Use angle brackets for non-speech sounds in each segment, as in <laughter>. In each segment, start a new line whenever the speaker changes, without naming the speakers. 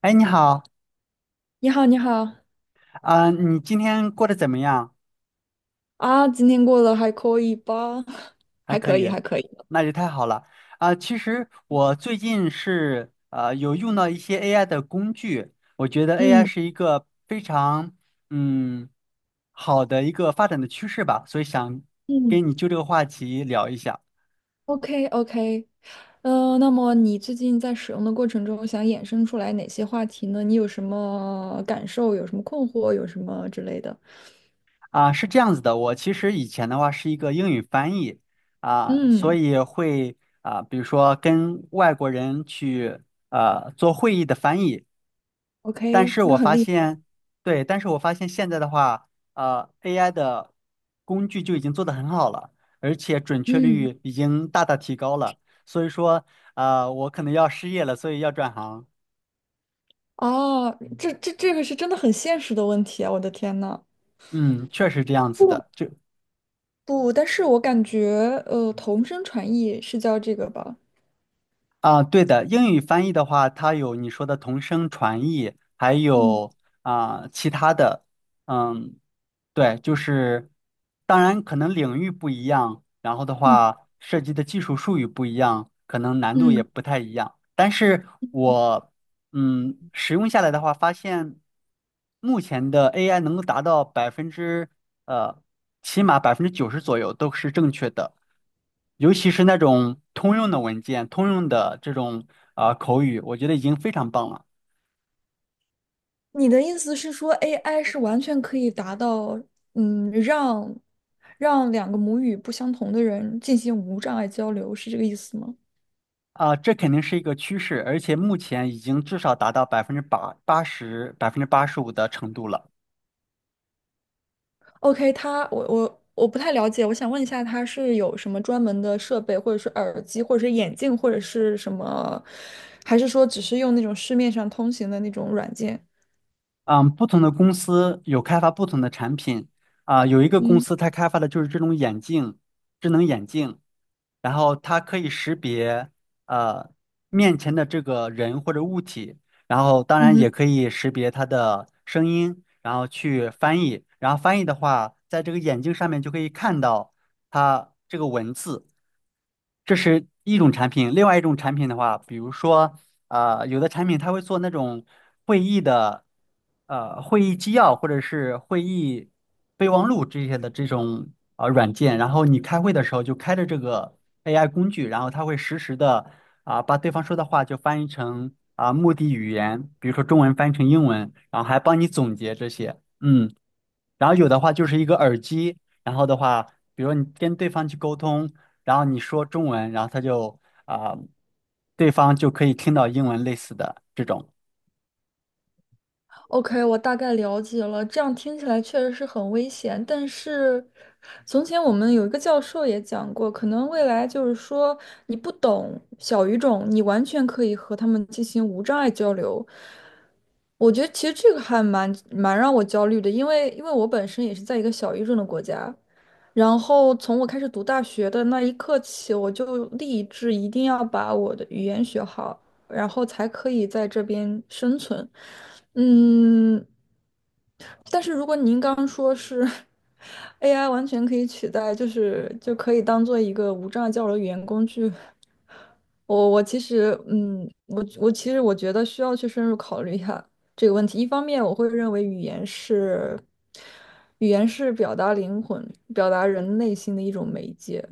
哎，你好。
你好，你好。
你今天过得怎么样？
啊，今天过得还可以吧？<laughs>
还
还
可
可以，
以，
还可以。
那就太好了。其实我最近是有用到一些 AI 的工具，我觉得 AI
嗯
是一个非常嗯好的一个发展的趋势吧，所以想
嗯
跟你就这个话题聊一下。
，OK OK，那么你最近在使用的过程中，想衍生出来哪些话题呢？你有什么感受？有什么困惑？有什么之类的？
是这样子的，我其实以前的话是一个英语翻译。所
嗯
以会，比如说跟外国人去做会议的翻译。但
，OK，
是
那
我
很
发
厉害。
现，对，但是我发现现在的话，AI 的工具就已经做得很好了，而且准确
嗯，
率已经大大提高了。所以说，我可能要失业了，所以要转行。
哦，这个是真的很现实的问题啊！我的天呐。
嗯，确实这样子
不
的。
不，但是我感觉，同声传译是叫这个吧？
对的，英语翻译的话，它有你说的同声传译，还
嗯
有其他的。嗯，对，就是当然可能领域不一样，然后的
嗯
话涉及的技术术语不一样，可能难度也
嗯。
不太一样。但是我使用下来的话，发现目前的 AI 能够达到百分之呃起码90%左右都是正确的，尤其是那种通用的文件、通用的这种口语，我觉得已经非常棒了。
你的意思是说，AI 是完全可以达到，嗯，让两个母语不相同的人进行无障碍交流，是这个意思吗
这肯定是一个趋势，而且目前已经至少达到百分之八十、85%的程度了。
？OK，它，我不太了解，我想问一下，它是有什么专门的设备，或者是耳机，或者是眼镜，或者是什么，还是说只是用那种市面上通行的那种软件？
嗯，不同的公司有开发不同的产品。啊，有一个公
嗯
司它开发的就是这种眼镜，智能眼镜，然后它可以识别呃面前的这个人或者物体，然后当
嗯
然也
哼。
可以识别它的声音，然后去翻译，然后翻译的话，在这个眼镜上面就可以看到它这个文字。这是一种产品。另外一种产品的话，比如说，有的产品它会做那种会议的，会议纪要或者是会议备忘录这些的这种软件，然后你开会的时候就开着这个 AI 工具，然后它会实时的把对方说的话就翻译成目的语言，比如说中文翻译成英文，然后还帮你总结这些。嗯。然后有的话就是一个耳机，然后的话，比如你跟对方去沟通，然后你说中文，然后他就啊、对方就可以听到英文类似的这种。
OK，我大概了解了。这样听起来确实是很危险，但是从前我们有一个教授也讲过，可能未来就是说你不懂小语种，你完全可以和他们进行无障碍交流。我觉得其实这个还蛮让我焦虑的，因为我本身也是在一个小语种的国家，然后从我开始读大学的那一刻起，我就立志一定要把我的语言学好，然后才可以在这边生存。嗯，但是如果您刚刚说是 <laughs> AI 完全可以取代，就是就可以当做一个无障碍交流语言工具，我其实，嗯，我其实我觉得需要去深入考虑一下这个问题。一方面，我会认为语言是表达灵魂、表达人内心的一种媒介。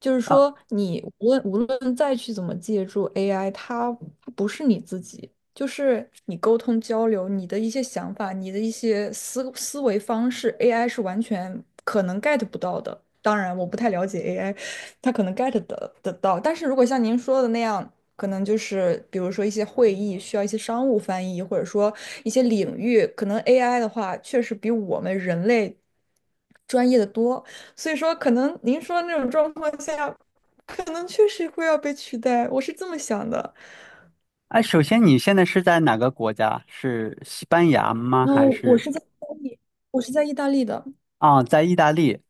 就是
啊。
说，你无论再去怎么借助 AI，它不是你自己，就是你沟通交流，你的一些想法，你的一些思维方式，AI 是完全可能 get 不到的。当然，我不太了解 AI，它可能 get 得到，但是如果像您说的那样，可能就是比如说一些会议需要一些商务翻译，或者说一些领域，可能 AI 的话，确实比我们人类专业的多。所以说，可能您说的那种状况下，可能确实会要被取代，我是这么想的。
哎，首先你现在是在哪个国家？是西班牙吗？
然
还
后我
是？
是在意大利，我是在意大利的。
啊，在意大利。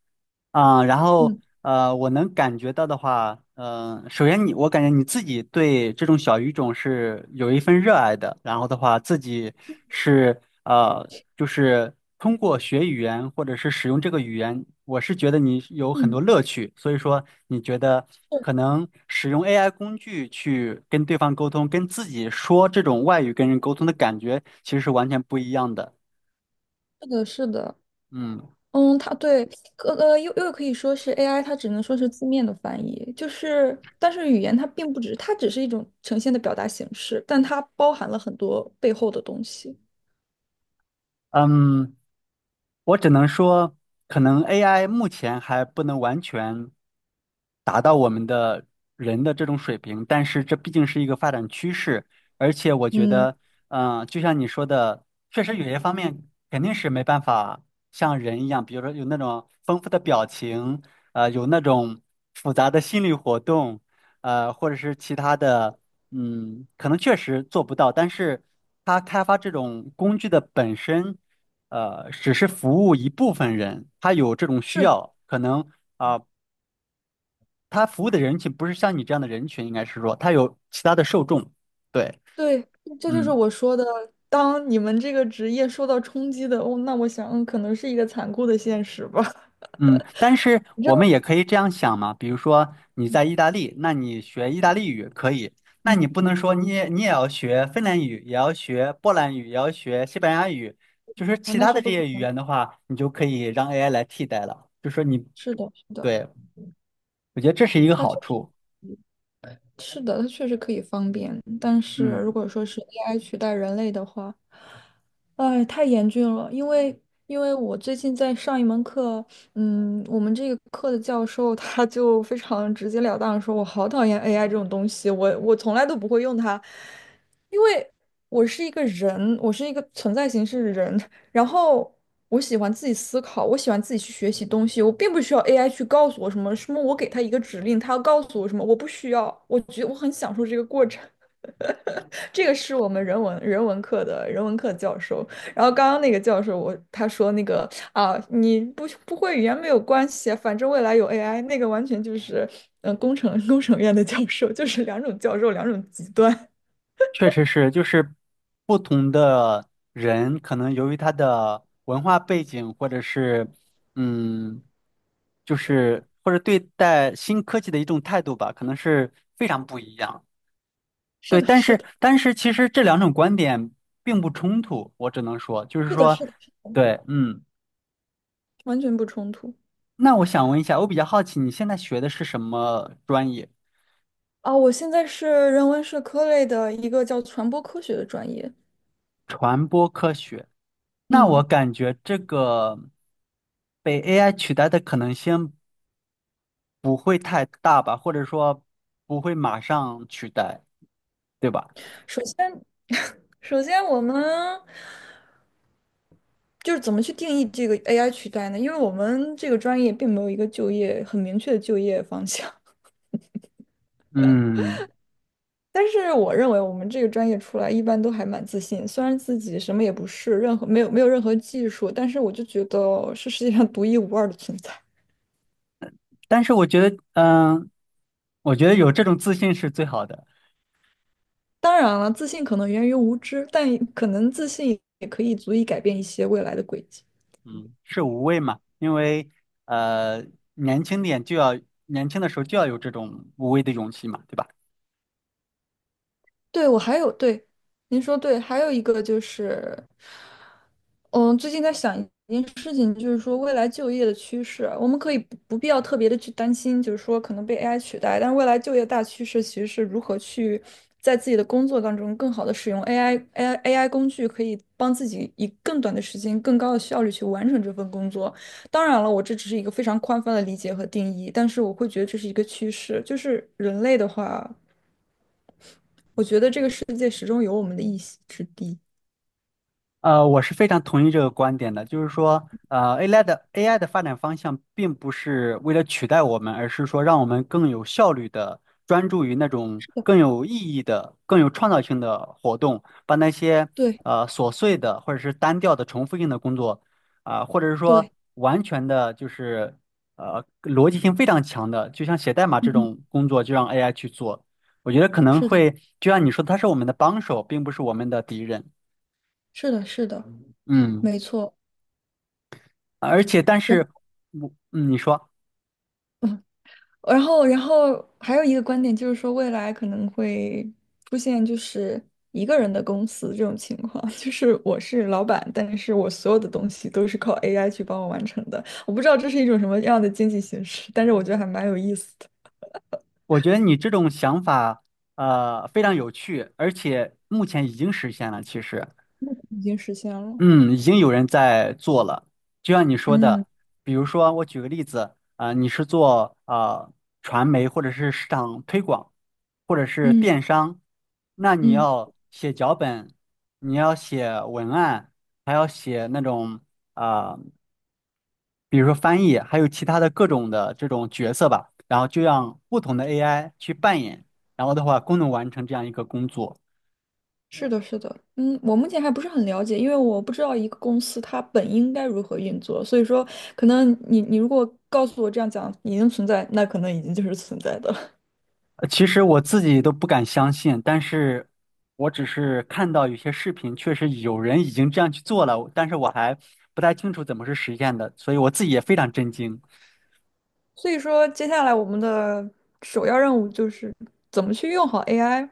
啊，然后
嗯
我能感觉到的话，首先你，我感觉你自己对这种小语种是有一份热爱的，然后的话，自己是呃，就是通过学语言或者是使用这个语言，我是觉得你有很
嗯，
多乐趣，所以说你觉得可
是
能使用 AI 工具去跟对方沟通，跟自己说这种外语跟人沟通的感觉，其实是完全不一样的。
是的，是的。
嗯。
嗯，它对，又可以说是 AI，它只能说是字面的翻译，就是但是语言它并不只，它只是一种呈现的表达形式，但它包含了很多背后的东西。
嗯，我只能说，可能 AI 目前还不能完全，人的这种水平，但是这毕竟是一个发展趋势，而且我觉
嗯。
得，就像你说的，确实有些方面肯定是没办法像人一样，比如说有那种丰富的表情，有那种复杂的心理活动，或者是其他的，可能确实做不到，但是他开发这种工具的本身。只是服务一部分人，他有这种需
是。
要，可能啊、他服务的人群不是像你这样的人群，应该是说他有其他的受众。对。
对，这就是
嗯
我说的，当你们这个职业受到冲击的，哦，那我想嗯可能是一个残酷的现实吧。<laughs>
嗯，但是
你知
我
道，
们也可以这样想嘛，比如说你在意大利，那你学意大利语可以，那
嗯，
你不能说你也要学芬兰语，也要学波兰语，也要学西班牙语，就是
啊
其
那
他
是
的这
不可
些语
能的。
言的话，你就可以让 AI 来替代了。就说你，
是的，是的。
对，我觉得这是一个
他
好
确
处。
是的，它确实可以方便，但是如
嗯。
果说是 AI 取代人类的话，哎，太严峻了。因为我最近在上一门课，嗯，我们这个课的教授他就非常直截了当地说，我好讨厌 AI 这种东西，我从来都不会用它，因为我是一个人，我是一个存在形式的人，然后我喜欢自己思考，我喜欢自己去学习东西，我并不需要 AI 去告诉我什么什么，我给他一个指令，他要告诉我什么，我不需要，我觉得我很享受这个过程。<laughs> 这个是我们人文课的人文课教授，然后刚刚那个教授我他说那个啊，你不会语言没有关系，反正未来有 AI，那个完全就是工程院的教授，就是两种教授两种极端。
确实是，就是不同的人，可能由于他的文化背景，或者是嗯，就是或者对待新科技的一种态度吧，可能是非常不一样。
<laughs> 是
对，
的，
但
是
是
的，
但是其实这两种观点并不冲突，我只能说，就是
是的，
说，
是的，
对，嗯，
完全不冲突。
那我想问一下，我比较好奇你现在学的是什么专业？
啊，我现在是人文社科类的一个叫传播科学的专业。
传播科学。那我
嗯，
感觉这个被 AI 取代的可能性，不会太大吧，或者说不会马上取代，对吧？
首先，<laughs> 首先我们就是怎么去定义这个 AI 取代呢？因为我们这个专业并没有一个就业很明确的就业方向。
嗯，
<laughs> 但是我认为我们这个专业出来一般都还蛮自信，虽然自己什么也不是，任何没有没有任何技术，但是我就觉得是世界上独一无二的存在。
但是我觉得有这种自信是最好的。
当然了，自信可能源于无知，但可能自信也可以足以改变一些未来的轨迹。
嗯，是无畏嘛，因为呃，年轻点就要年轻的时候就要有这种无畏的勇气嘛，对吧？
对，我还有，对，您说对，还有一个就是，嗯，最近在想一件事情，就是说未来就业的趋势啊，我们可以不必要特别的去担心，就是说可能被 AI 取代，但是未来就业大趋势其实是如何去在自己的工作当中更好的使用 AI AI AI 工具，可以帮自己以更短的时间、更高的效率去完成这份工作。当然了，我这只是一个非常宽泛的理解和定义，但是我会觉得这是一个趋势，就是人类的话。我觉得这个世界始终有我们的一席之地。
我是非常同意这个观点的，就是说，AI 的发展方向并不是为了取代我们，而是说让我们更有效率的专注于那种
是的，
更有意义的、更有创造性的活动，把那些
对
琐碎的或者是单调的重复性的工作，或者是说
对，
完全的就是逻辑性非常强的，就像写代码这
嗯，
种工作，就让 AI 去做。我觉得可能
是的，
会，就像你说的，它是我们的帮手，并不是我们的敌人。
是的，是的，
嗯。
没错。
而且，但
然
是我，你说，
然后还有一个观点就是说，未来可能会出现就是一个人的公司这种情况，<laughs> 就是我是老板，但是我所有的东西都是靠 AI 去帮我完成的。我不知道这是一种什么样的经济形式，但是我觉得还蛮有意思的，
我觉得你这种想法，非常有趣，而且目前已经实现了。其实，
已经实现了。
嗯，已经有人在做了。就像你说
嗯
的，比如说，我举个例子，你是做传媒或者是市场推广，或者是电
嗯
商，那你
嗯。
要写脚本，你要写文案，还要写那种。啊、呃比如说翻译，还有其他的各种的这种角色吧，然后就让不同的 AI 去扮演，然后的话共同完成这样一个工作。
是的，是的，嗯，我目前还不是很了解，因为我不知道一个公司它本应该如何运作，所以说可能你如果告诉我这样讲已经存在，那可能已经就是存在的了。
其实我自己都不敢相信，但是我只是看到有些视频，确实有人已经这样去做了，但是我还不太清楚怎么是实现的，所以我自己也非常震惊。
<laughs> 所以说，接下来我们的首要任务就是怎么去用好 AI。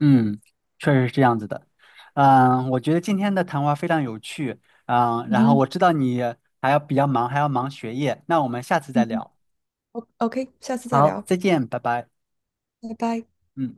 嗯，确实是这样子的。嗯，我觉得今天的谈话非常有趣。嗯，
嗯
然后
哼，
我知道你还要比较忙，还要忙学业，那我们下次再
嗯哼
聊。
，OK，下次再
好，
聊，
再见，拜拜。
拜拜。
嗯。